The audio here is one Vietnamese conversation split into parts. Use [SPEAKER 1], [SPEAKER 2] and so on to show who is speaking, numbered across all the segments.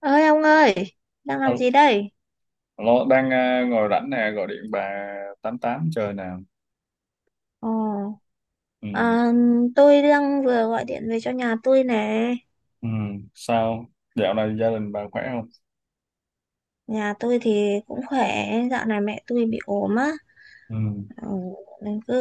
[SPEAKER 1] Ơi ông ơi, đang làm
[SPEAKER 2] Alo,
[SPEAKER 1] gì đây?
[SPEAKER 2] alo, đang ngồi rảnh nè, gọi điện bà tám tám chơi nè.
[SPEAKER 1] Ồ.
[SPEAKER 2] Ừ.
[SPEAKER 1] À, tôi đang vừa gọi điện về cho nhà tôi nè.
[SPEAKER 2] Ừ. Sao? Dạo này gia đình bà khỏe không?
[SPEAKER 1] Nhà tôi thì cũng khỏe, dạo này mẹ tôi bị ốm á.
[SPEAKER 2] Ừ.
[SPEAKER 1] Ừ, nên cứ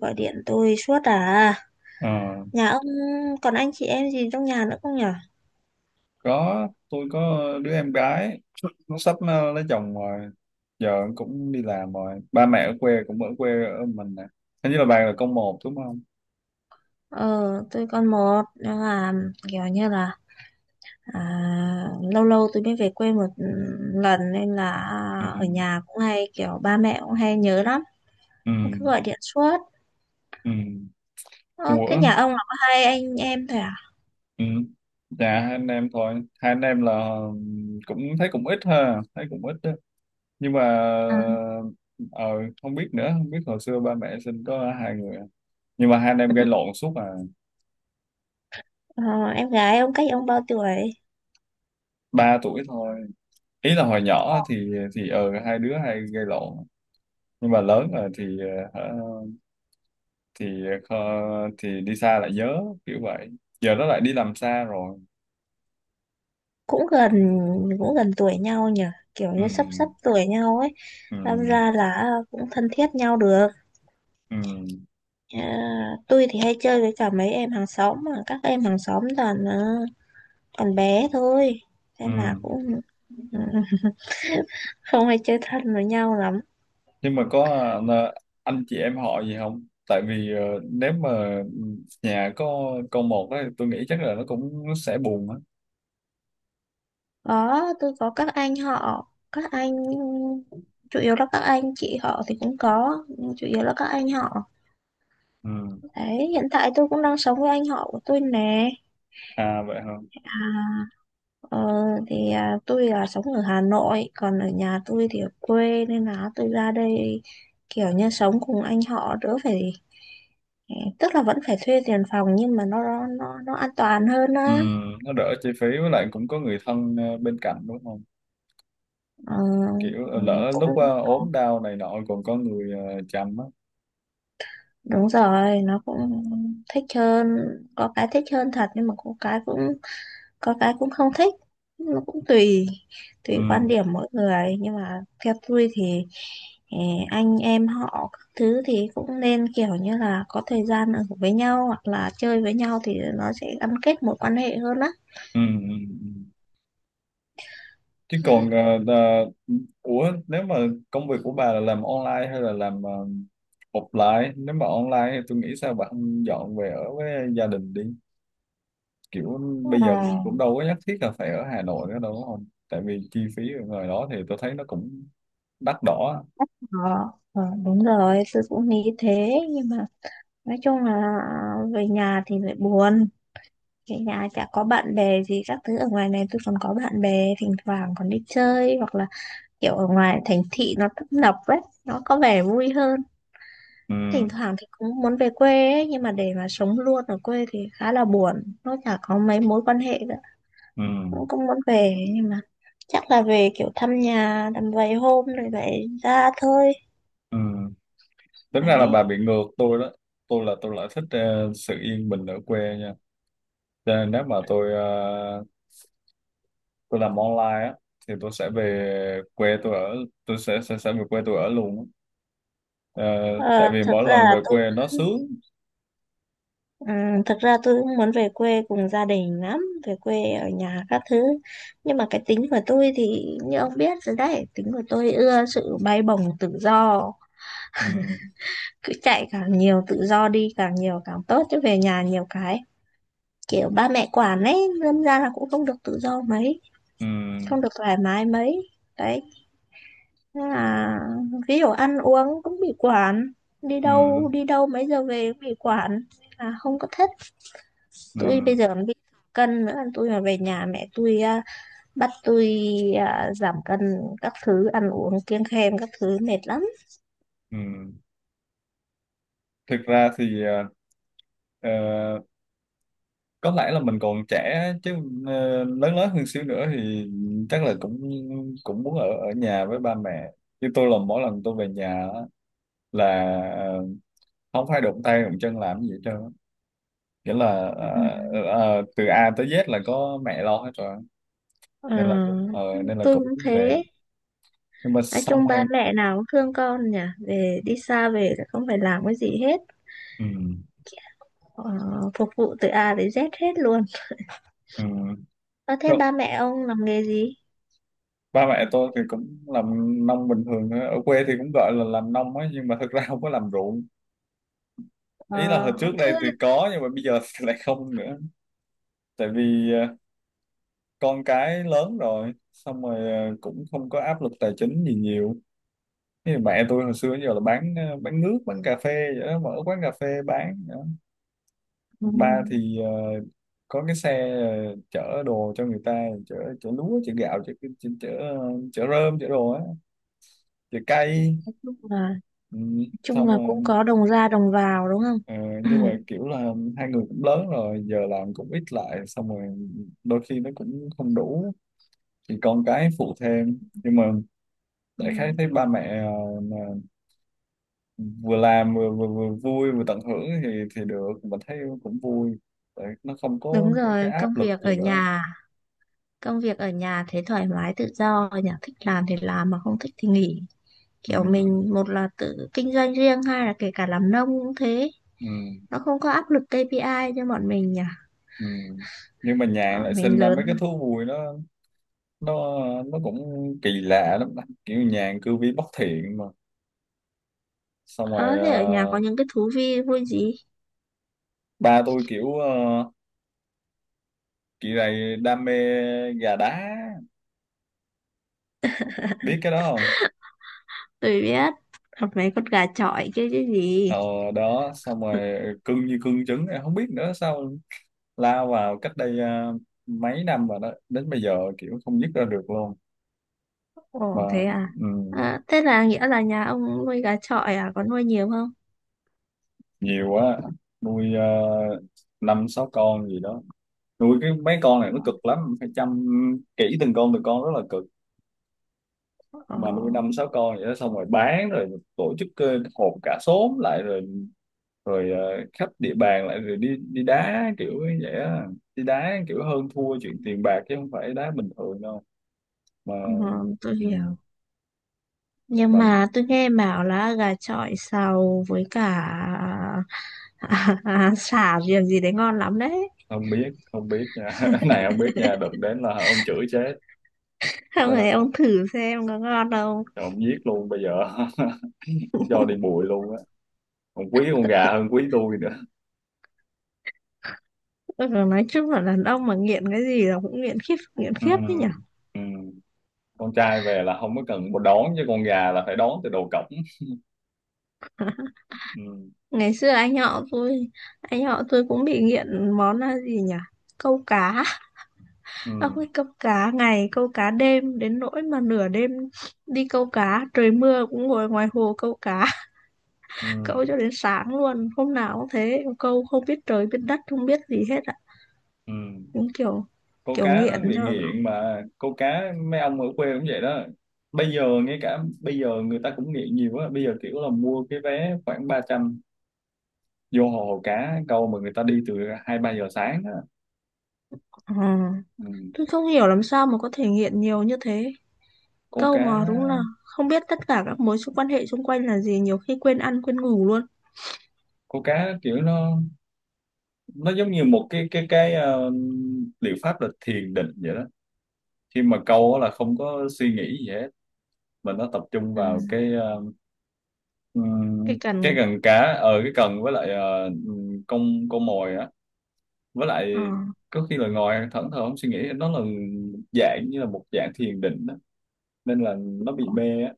[SPEAKER 1] gọi điện tôi suốt à.
[SPEAKER 2] Ờ,
[SPEAKER 1] Nhà ông còn anh chị em gì trong nhà nữa không nhở?
[SPEAKER 2] có, tôi có đứa em gái, nó sắp lấy chồng rồi, giờ cũng đi làm rồi. Ba mẹ ở quê cũng ở quê ở mình nè. Hình như là bà là con một đúng không?
[SPEAKER 1] Ờ, tôi còn một nhưng mà kiểu như là à, lâu lâu tôi mới về quê một lần nên là
[SPEAKER 2] Ừ.
[SPEAKER 1] ở nhà cũng hay kiểu ba mẹ cũng hay nhớ lắm,
[SPEAKER 2] Ừ.
[SPEAKER 1] cứ gọi điện suốt.
[SPEAKER 2] Ừ.
[SPEAKER 1] Ờ, thế
[SPEAKER 2] Ủa?
[SPEAKER 1] nhà ông là có hai anh em thôi à?
[SPEAKER 2] Ừ. Dạ, hai anh em thôi. Hai anh em là cũng thấy cũng ít ha, thấy cũng ít, nhưng mà
[SPEAKER 1] Ừ.
[SPEAKER 2] ờ, không biết nữa, không biết hồi xưa ba mẹ sinh có hai người à. Nhưng mà hai anh em gây lộn suốt à.
[SPEAKER 1] Ờ, em gái ông cách ông bao tuổi?
[SPEAKER 2] Ba tuổi thôi. Ý là hồi nhỏ thì hai đứa hay gây lộn, nhưng mà lớn rồi thì ờ, hả, thì thì đi xa lại nhớ, kiểu vậy. Giờ nó lại đi làm xa rồi.
[SPEAKER 1] Cũng gần, cũng gần tuổi nhau nhỉ, kiểu như sắp sắp
[SPEAKER 2] Ừ,
[SPEAKER 1] tuổi nhau ấy, đâm
[SPEAKER 2] ừ,
[SPEAKER 1] ra là cũng thân thiết nhau được.
[SPEAKER 2] ừ,
[SPEAKER 1] Ờ, tôi thì hay chơi với cả mấy em hàng xóm mà các em hàng xóm toàn còn bé thôi,
[SPEAKER 2] ừ.
[SPEAKER 1] nên là cũng ừ, không hay chơi thân với nhau lắm.
[SPEAKER 2] Nhưng mà có ờ, anh chị em họ gì không? Tại vì nếu mà nhà có con một ấy, tôi nghĩ chắc là nó cũng sẽ buồn á.
[SPEAKER 1] Có, tôi có các anh họ, các anh chủ yếu là các anh chị họ thì cũng có, nhưng chủ yếu là các anh họ.
[SPEAKER 2] Ừ.
[SPEAKER 1] Đấy, hiện tại tôi cũng đang sống với anh họ của tôi nè.
[SPEAKER 2] À vậy hả?
[SPEAKER 1] À, ờ, thì tôi là sống ở Hà Nội, còn ở nhà tôi thì ở quê nên là tôi ra đây kiểu như sống cùng anh họ đỡ phải, tức là vẫn phải thuê tiền phòng nhưng mà nó an toàn hơn
[SPEAKER 2] Ừ,
[SPEAKER 1] á.
[SPEAKER 2] nó đỡ chi phí, với lại cũng có người thân bên cạnh đúng không?
[SPEAKER 1] Ờ,
[SPEAKER 2] Kiểu lỡ lúc
[SPEAKER 1] cũng
[SPEAKER 2] ốm đau này nọ còn có người chăm á.
[SPEAKER 1] đúng rồi, nó cũng thích hơn, có cái thích hơn thật nhưng mà có cái cũng không thích, nó cũng tùy
[SPEAKER 2] Ừ.
[SPEAKER 1] tùy quan điểm mỗi người nhưng mà theo tôi thì anh em họ các thứ thì cũng nên kiểu như là có thời gian ở với nhau hoặc là chơi với nhau thì nó sẽ gắn kết mối quan hệ hơn á.
[SPEAKER 2] Ừ. Ừ, ừ. Chứ còn ủa, nếu mà công việc của bà là làm online hay là làm offline? Nếu mà online thì tôi nghĩ sao bà không dọn về ở với gia đình đi? Kiểu
[SPEAKER 1] Ờ,
[SPEAKER 2] bây giờ mình cũng đâu có nhất thiết là phải ở Hà Nội nữa đâu đúng không? Tại vì chi phí ở ngoài đó thì tôi thấy nó cũng đắt đỏ á.
[SPEAKER 1] ờ, ờ, đúng rồi, tôi cũng nghĩ thế nhưng mà nói chung là về nhà thì lại buồn, về nhà chả có bạn bè gì các thứ, ở ngoài này tôi còn có bạn bè thỉnh thoảng còn đi chơi, hoặc là kiểu ở ngoài thành thị nó tấp nập ấy, nó có vẻ vui hơn.
[SPEAKER 2] Ừ.
[SPEAKER 1] Thỉnh thoảng thì cũng muốn về quê ấy nhưng mà để mà sống luôn ở quê thì khá là buồn, nó chả có mấy mối quan hệ nữa.
[SPEAKER 2] Ừ.
[SPEAKER 1] Cũng cũng muốn về nhưng mà chắc là về kiểu thăm nhà tầm vài hôm rồi vậy ra thôi.
[SPEAKER 2] Ừ. Tính ra là
[SPEAKER 1] Đấy.
[SPEAKER 2] bà bị ngược tôi đó. Tôi là tôi lại thích sự yên bình ở quê nha, cho nên nếu mà tôi làm online á thì tôi sẽ về quê tôi ở, tôi sẽ về quê tôi ở luôn á. Ờ,
[SPEAKER 1] ờ,
[SPEAKER 2] tại vì
[SPEAKER 1] thực
[SPEAKER 2] mỗi
[SPEAKER 1] ra
[SPEAKER 2] lần
[SPEAKER 1] là
[SPEAKER 2] về
[SPEAKER 1] tôi
[SPEAKER 2] quê nó sướng.
[SPEAKER 1] Thực ra tôi cũng muốn về quê cùng gia đình lắm, về quê ở nhà các thứ, nhưng mà cái tính của tôi thì như ông biết rồi đấy, tính của tôi ưa sự bay bổng tự do.
[SPEAKER 2] Ừ.
[SPEAKER 1] Cứ chạy càng nhiều, tự do đi càng nhiều càng tốt, chứ về nhà nhiều cái kiểu ba mẹ quản ấy, lâm ra là cũng không được tự do mấy,
[SPEAKER 2] Ừ.
[SPEAKER 1] không được thoải mái mấy. Đấy, nên là ví dụ ăn uống cũng bị quản,
[SPEAKER 2] Ừ.
[SPEAKER 1] đi đâu mấy giờ về cũng bị quản, là không có thích.
[SPEAKER 2] Ừ.
[SPEAKER 1] Tôi bây giờ còn bị cân nữa, tôi mà về nhà mẹ tôi bắt tôi giảm cân các thứ, ăn uống kiêng khem các thứ mệt lắm.
[SPEAKER 2] Ừ. Thực ra thì ờ, có lẽ là mình còn trẻ á, chứ lớn lớn hơn xíu nữa thì chắc là cũng cũng muốn ở ở nhà với ba mẹ. Chứ tôi là mỗi lần tôi về nhà là ờ, không phải đụng tay đụng chân làm gì hết trơn á. Nghĩa là từ A tới Z là có mẹ lo hết rồi,
[SPEAKER 1] Ừ.
[SPEAKER 2] nên là cũng nên là
[SPEAKER 1] Tôi
[SPEAKER 2] cũng
[SPEAKER 1] cũng
[SPEAKER 2] về,
[SPEAKER 1] thế.
[SPEAKER 2] nhưng mà
[SPEAKER 1] Nói
[SPEAKER 2] xong
[SPEAKER 1] chung ba
[SPEAKER 2] rồi
[SPEAKER 1] mẹ nào cũng thương con nhỉ, về đi xa về là không phải làm cái gì hết,
[SPEAKER 2] ừ,
[SPEAKER 1] ờ, phục vụ từ A đến Z hết luôn.
[SPEAKER 2] ừ.
[SPEAKER 1] Ờ, thế
[SPEAKER 2] Rồi,
[SPEAKER 1] ba mẹ ông làm nghề gì?
[SPEAKER 2] ba mẹ tôi thì cũng làm nông bình thường thôi. Ở quê thì cũng gọi là làm nông ấy, nhưng mà thực ra không có làm ruộng.
[SPEAKER 1] Ờ,
[SPEAKER 2] Ý là hồi trước
[SPEAKER 1] thế,
[SPEAKER 2] đây thì có, nhưng mà bây giờ thì lại không nữa, tại vì con cái lớn rồi, xong rồi cũng không có áp lực tài chính gì nhiều. Thế thì mẹ tôi hồi xưa giờ là bán nước bán cà phê vậy đó, mở quán cà phê bán vậy đó.
[SPEAKER 1] ừ,
[SPEAKER 2] Ba thì có cái xe chở đồ cho người ta, chở chở lúa chở gạo chở chở chở, ờ, chở rơm chở đồ á, chở cây.
[SPEAKER 1] nói chung là nói
[SPEAKER 2] Ừ,
[SPEAKER 1] chung
[SPEAKER 2] xong
[SPEAKER 1] là cũng
[SPEAKER 2] rồi
[SPEAKER 1] có đồng ra đồng vào đúng không?
[SPEAKER 2] ờ, nhưng mà kiểu là hai người cũng lớn rồi, giờ làm cũng ít lại, xong rồi đôi khi nó cũng không đủ thì con cái phụ thêm, nhưng mà
[SPEAKER 1] Ừ.
[SPEAKER 2] đại khái thấy ba mẹ vừa làm vừa vui vừa tận hưởng thì được, mình thấy cũng vui. Tại nó không có
[SPEAKER 1] Đúng
[SPEAKER 2] cái
[SPEAKER 1] rồi, công
[SPEAKER 2] áp lực
[SPEAKER 1] việc
[SPEAKER 2] gì
[SPEAKER 1] ở
[SPEAKER 2] nữa.
[SPEAKER 1] nhà, công việc ở nhà thế thoải mái tự do nhỉ, thích làm thì làm mà không thích thì nghỉ.
[SPEAKER 2] Ừ,
[SPEAKER 1] Kiểu mình một là tự kinh doanh riêng, hai là kể cả làm nông cũng thế,
[SPEAKER 2] ừ,
[SPEAKER 1] nó không có áp lực KPI cho bọn mình nhỉ.
[SPEAKER 2] ừ. Nhưng mà nhàn
[SPEAKER 1] Ờ,
[SPEAKER 2] lại sinh
[SPEAKER 1] mình
[SPEAKER 2] ra
[SPEAKER 1] lớn
[SPEAKER 2] mấy cái thú vui, nó nó cũng kỳ lạ lắm, kiểu nhàn cư vi bất thiện mà. Xong rồi
[SPEAKER 1] ờ thế ở nhà có những cái thú vui vui gì?
[SPEAKER 2] ba tôi kiểu kỳ này đam mê gà đá, biết cái đó không?
[SPEAKER 1] Tôi biết. Hoặc mấy con gà chọi kia chứ gì.
[SPEAKER 2] Ờ đó, xong rồi cưng như cưng trứng, em không biết nữa sao, lao vào cách đây mấy năm rồi đó, đến bây giờ kiểu không dứt ra được luôn. Mà
[SPEAKER 1] Ồ, thế à?
[SPEAKER 2] ừm,
[SPEAKER 1] Ờ, thế là nghĩa là nhà ông nuôi gà chọi à, có nuôi nhiều không?
[SPEAKER 2] nhiều quá, nuôi uh, năm sáu con gì đó. Nuôi cái mấy con này nó cực lắm, phải chăm kỹ từng con từng con, rất là cực.
[SPEAKER 1] Ờ,
[SPEAKER 2] Mà nuôi năm sáu con vậy đó, xong rồi bán rồi tổ chức họp cả xóm lại rồi rồi ờ, khắp địa bàn lại rồi đi đi đá kiểu như vậy á, đi đá kiểu hơn thua chuyện tiền bạc chứ không phải đá bình thường đâu. Mà
[SPEAKER 1] ờ, tôi
[SPEAKER 2] ừ.
[SPEAKER 1] hiểu. Nhưng
[SPEAKER 2] Mà
[SPEAKER 1] mà tôi nghe bảo là gà chọi xào với cả sả riềng gì đấy ngon lắm đấy.
[SPEAKER 2] không biết, không biết nha Cái này không biết nha, đụng đến là ông chửi chết,
[SPEAKER 1] Không
[SPEAKER 2] nên là
[SPEAKER 1] này, ông thử xem có ngon không.
[SPEAKER 2] ông giết luôn bây giờ Ông cho đi bụi luôn á, ông quý con gà hơn quý tôi nữa.
[SPEAKER 1] Ừ, nói chung là đàn ông mà nghiện cái gì là cũng nghiện khiếp, nghiện
[SPEAKER 2] Ừ.
[SPEAKER 1] khiếp đấy nhỉ.
[SPEAKER 2] Ừ. Con trai về là không có cần một đón, chứ con gà là phải đón từ đầu cổng. Ừ.
[SPEAKER 1] Ngày xưa anh họ tôi, anh họ tôi cũng bị nghiện món là gì nhỉ, câu cá. Ông
[SPEAKER 2] Ừ.
[SPEAKER 1] ấy câu cá ngày câu cá đêm đến nỗi mà nửa đêm đi câu cá trời mưa cũng ngồi ngoài hồ câu cá,
[SPEAKER 2] Ừ.
[SPEAKER 1] câu cho đến sáng luôn, hôm nào cũng thế, câu không biết trời biết đất không biết gì hết ạ,
[SPEAKER 2] Ừ.
[SPEAKER 1] cũng kiểu
[SPEAKER 2] Câu
[SPEAKER 1] kiểu
[SPEAKER 2] cá nó
[SPEAKER 1] nghiện
[SPEAKER 2] bị
[SPEAKER 1] theo.
[SPEAKER 2] nghiện mà, câu cá mấy ông ở quê cũng vậy đó. Bây giờ ngay cả bây giờ người ta cũng nghiện nhiều á, bây giờ kiểu là mua cái vé khoảng 300 vô hồ cá câu, mà người ta đi từ hai ba giờ sáng.
[SPEAKER 1] Ừ.
[SPEAKER 2] Ừ.
[SPEAKER 1] Tôi không hiểu làm sao mà có thể nghiện nhiều như thế,
[SPEAKER 2] Câu
[SPEAKER 1] câu
[SPEAKER 2] cá,
[SPEAKER 1] mà đúng là không biết tất cả các mối quan hệ xung quanh là gì, nhiều khi quên ăn quên ngủ luôn.
[SPEAKER 2] câu cá kiểu nó giống như một liệu pháp là thiền định vậy đó, khi mà câu á là không có suy nghĩ gì hết, mà nó tập trung
[SPEAKER 1] Ừ.
[SPEAKER 2] vào cái ờ,
[SPEAKER 1] Cái
[SPEAKER 2] ừm, cái
[SPEAKER 1] cần.
[SPEAKER 2] cần cá, ở cái cần với lại con mồi á, với
[SPEAKER 1] Ờ.
[SPEAKER 2] lại có khi là ngồi thẫn thờ không suy nghĩ, nó là dạng như là một dạng thiền định đó. Nên là nó bị mê á,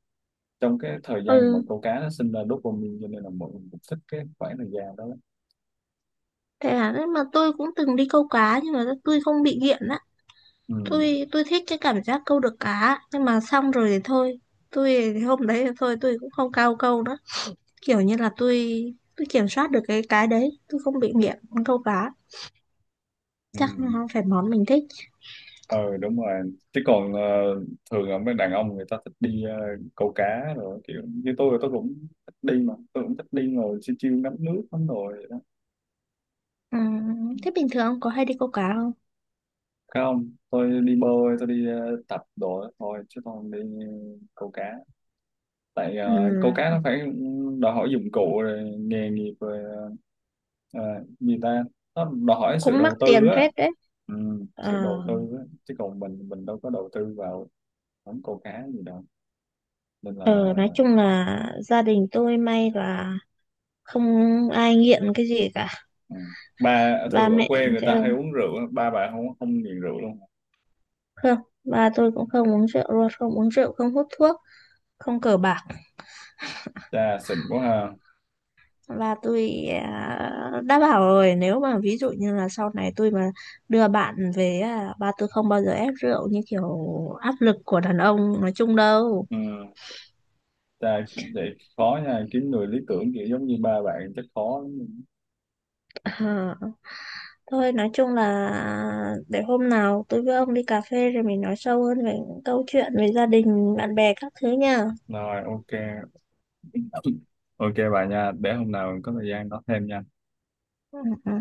[SPEAKER 2] trong cái thời gian mà
[SPEAKER 1] Ừ,
[SPEAKER 2] câu cá nó sinh ra dopamine, cho nên là mọi người cũng thích cái khoảng thời gian đó lắm.
[SPEAKER 1] thế là đấy mà tôi cũng từng đi câu cá nhưng mà tôi không bị nghiện á.
[SPEAKER 2] Ừ.
[SPEAKER 1] Tôi thích cái cảm giác câu được cá nhưng mà xong rồi thì thôi. Tôi thì hôm đấy thì thôi tôi cũng không cao câu nữa. Kiểu như là tôi kiểm soát được cái đấy, tôi không bị nghiện câu cá.
[SPEAKER 2] Ừ.
[SPEAKER 1] Chắc nó không phải món mình thích.
[SPEAKER 2] ờ đúng rồi, chứ còn thường là mấy đàn ông người ta thích đi câu cá rồi, kiểu như tôi cũng thích đi, mà tôi cũng thích đi ngồi chiêu chiêu ngắm nước lắm rồi vậy đó.
[SPEAKER 1] Ừ, thế bình thường ông có hay đi câu cá không?
[SPEAKER 2] Không, tôi đi bơi, tôi đi tập đồ đó thôi chứ tôi không đi câu cá, tại
[SPEAKER 1] Ừ,
[SPEAKER 2] câu cá nó phải đòi hỏi dụng cụ rồi nghề nghiệp rồi gì ta, nó đòi hỏi sự
[SPEAKER 1] cũng mắc
[SPEAKER 2] đầu tư
[SPEAKER 1] tiền
[SPEAKER 2] á.
[SPEAKER 1] phết đấy.
[SPEAKER 2] Ừ, sự
[SPEAKER 1] Ờ,
[SPEAKER 2] đầu tư á, chứ còn mình đâu có đầu tư vào món câu cá gì đâu, nên là.
[SPEAKER 1] ờ, nói chung là gia đình tôi may là không ai nghiện cái gì cả.
[SPEAKER 2] Ừ. Ba
[SPEAKER 1] Ba
[SPEAKER 2] thường ở
[SPEAKER 1] mẹ
[SPEAKER 2] quê người ta hay uống rượu á, ba bà không không nghiện rượu luôn.
[SPEAKER 1] Không, ba tôi cũng không uống rượu luôn, không uống rượu, không hút thuốc, không cờ bạc.
[SPEAKER 2] Cha xịn quá ha.
[SPEAKER 1] Và tôi đã bảo rồi, nếu mà ví dụ như là sau này tôi mà đưa bạn về, ba tôi không bao giờ ép rượu như kiểu áp lực của đàn ông nói chung đâu.
[SPEAKER 2] Ừ. Cha, vậy khó nha, kiếm người lý tưởng kiểu giống như ba bạn chắc khó lắm.
[SPEAKER 1] À, thôi, nói chung là để hôm nào tôi với ông đi cà phê rồi mình nói sâu hơn về những câu chuyện về gia đình, bạn bè các thứ nha.
[SPEAKER 2] Rồi, ok, ok bà nha, để hôm nào có thời gian nói thêm nha.
[SPEAKER 1] Ừ, ừ.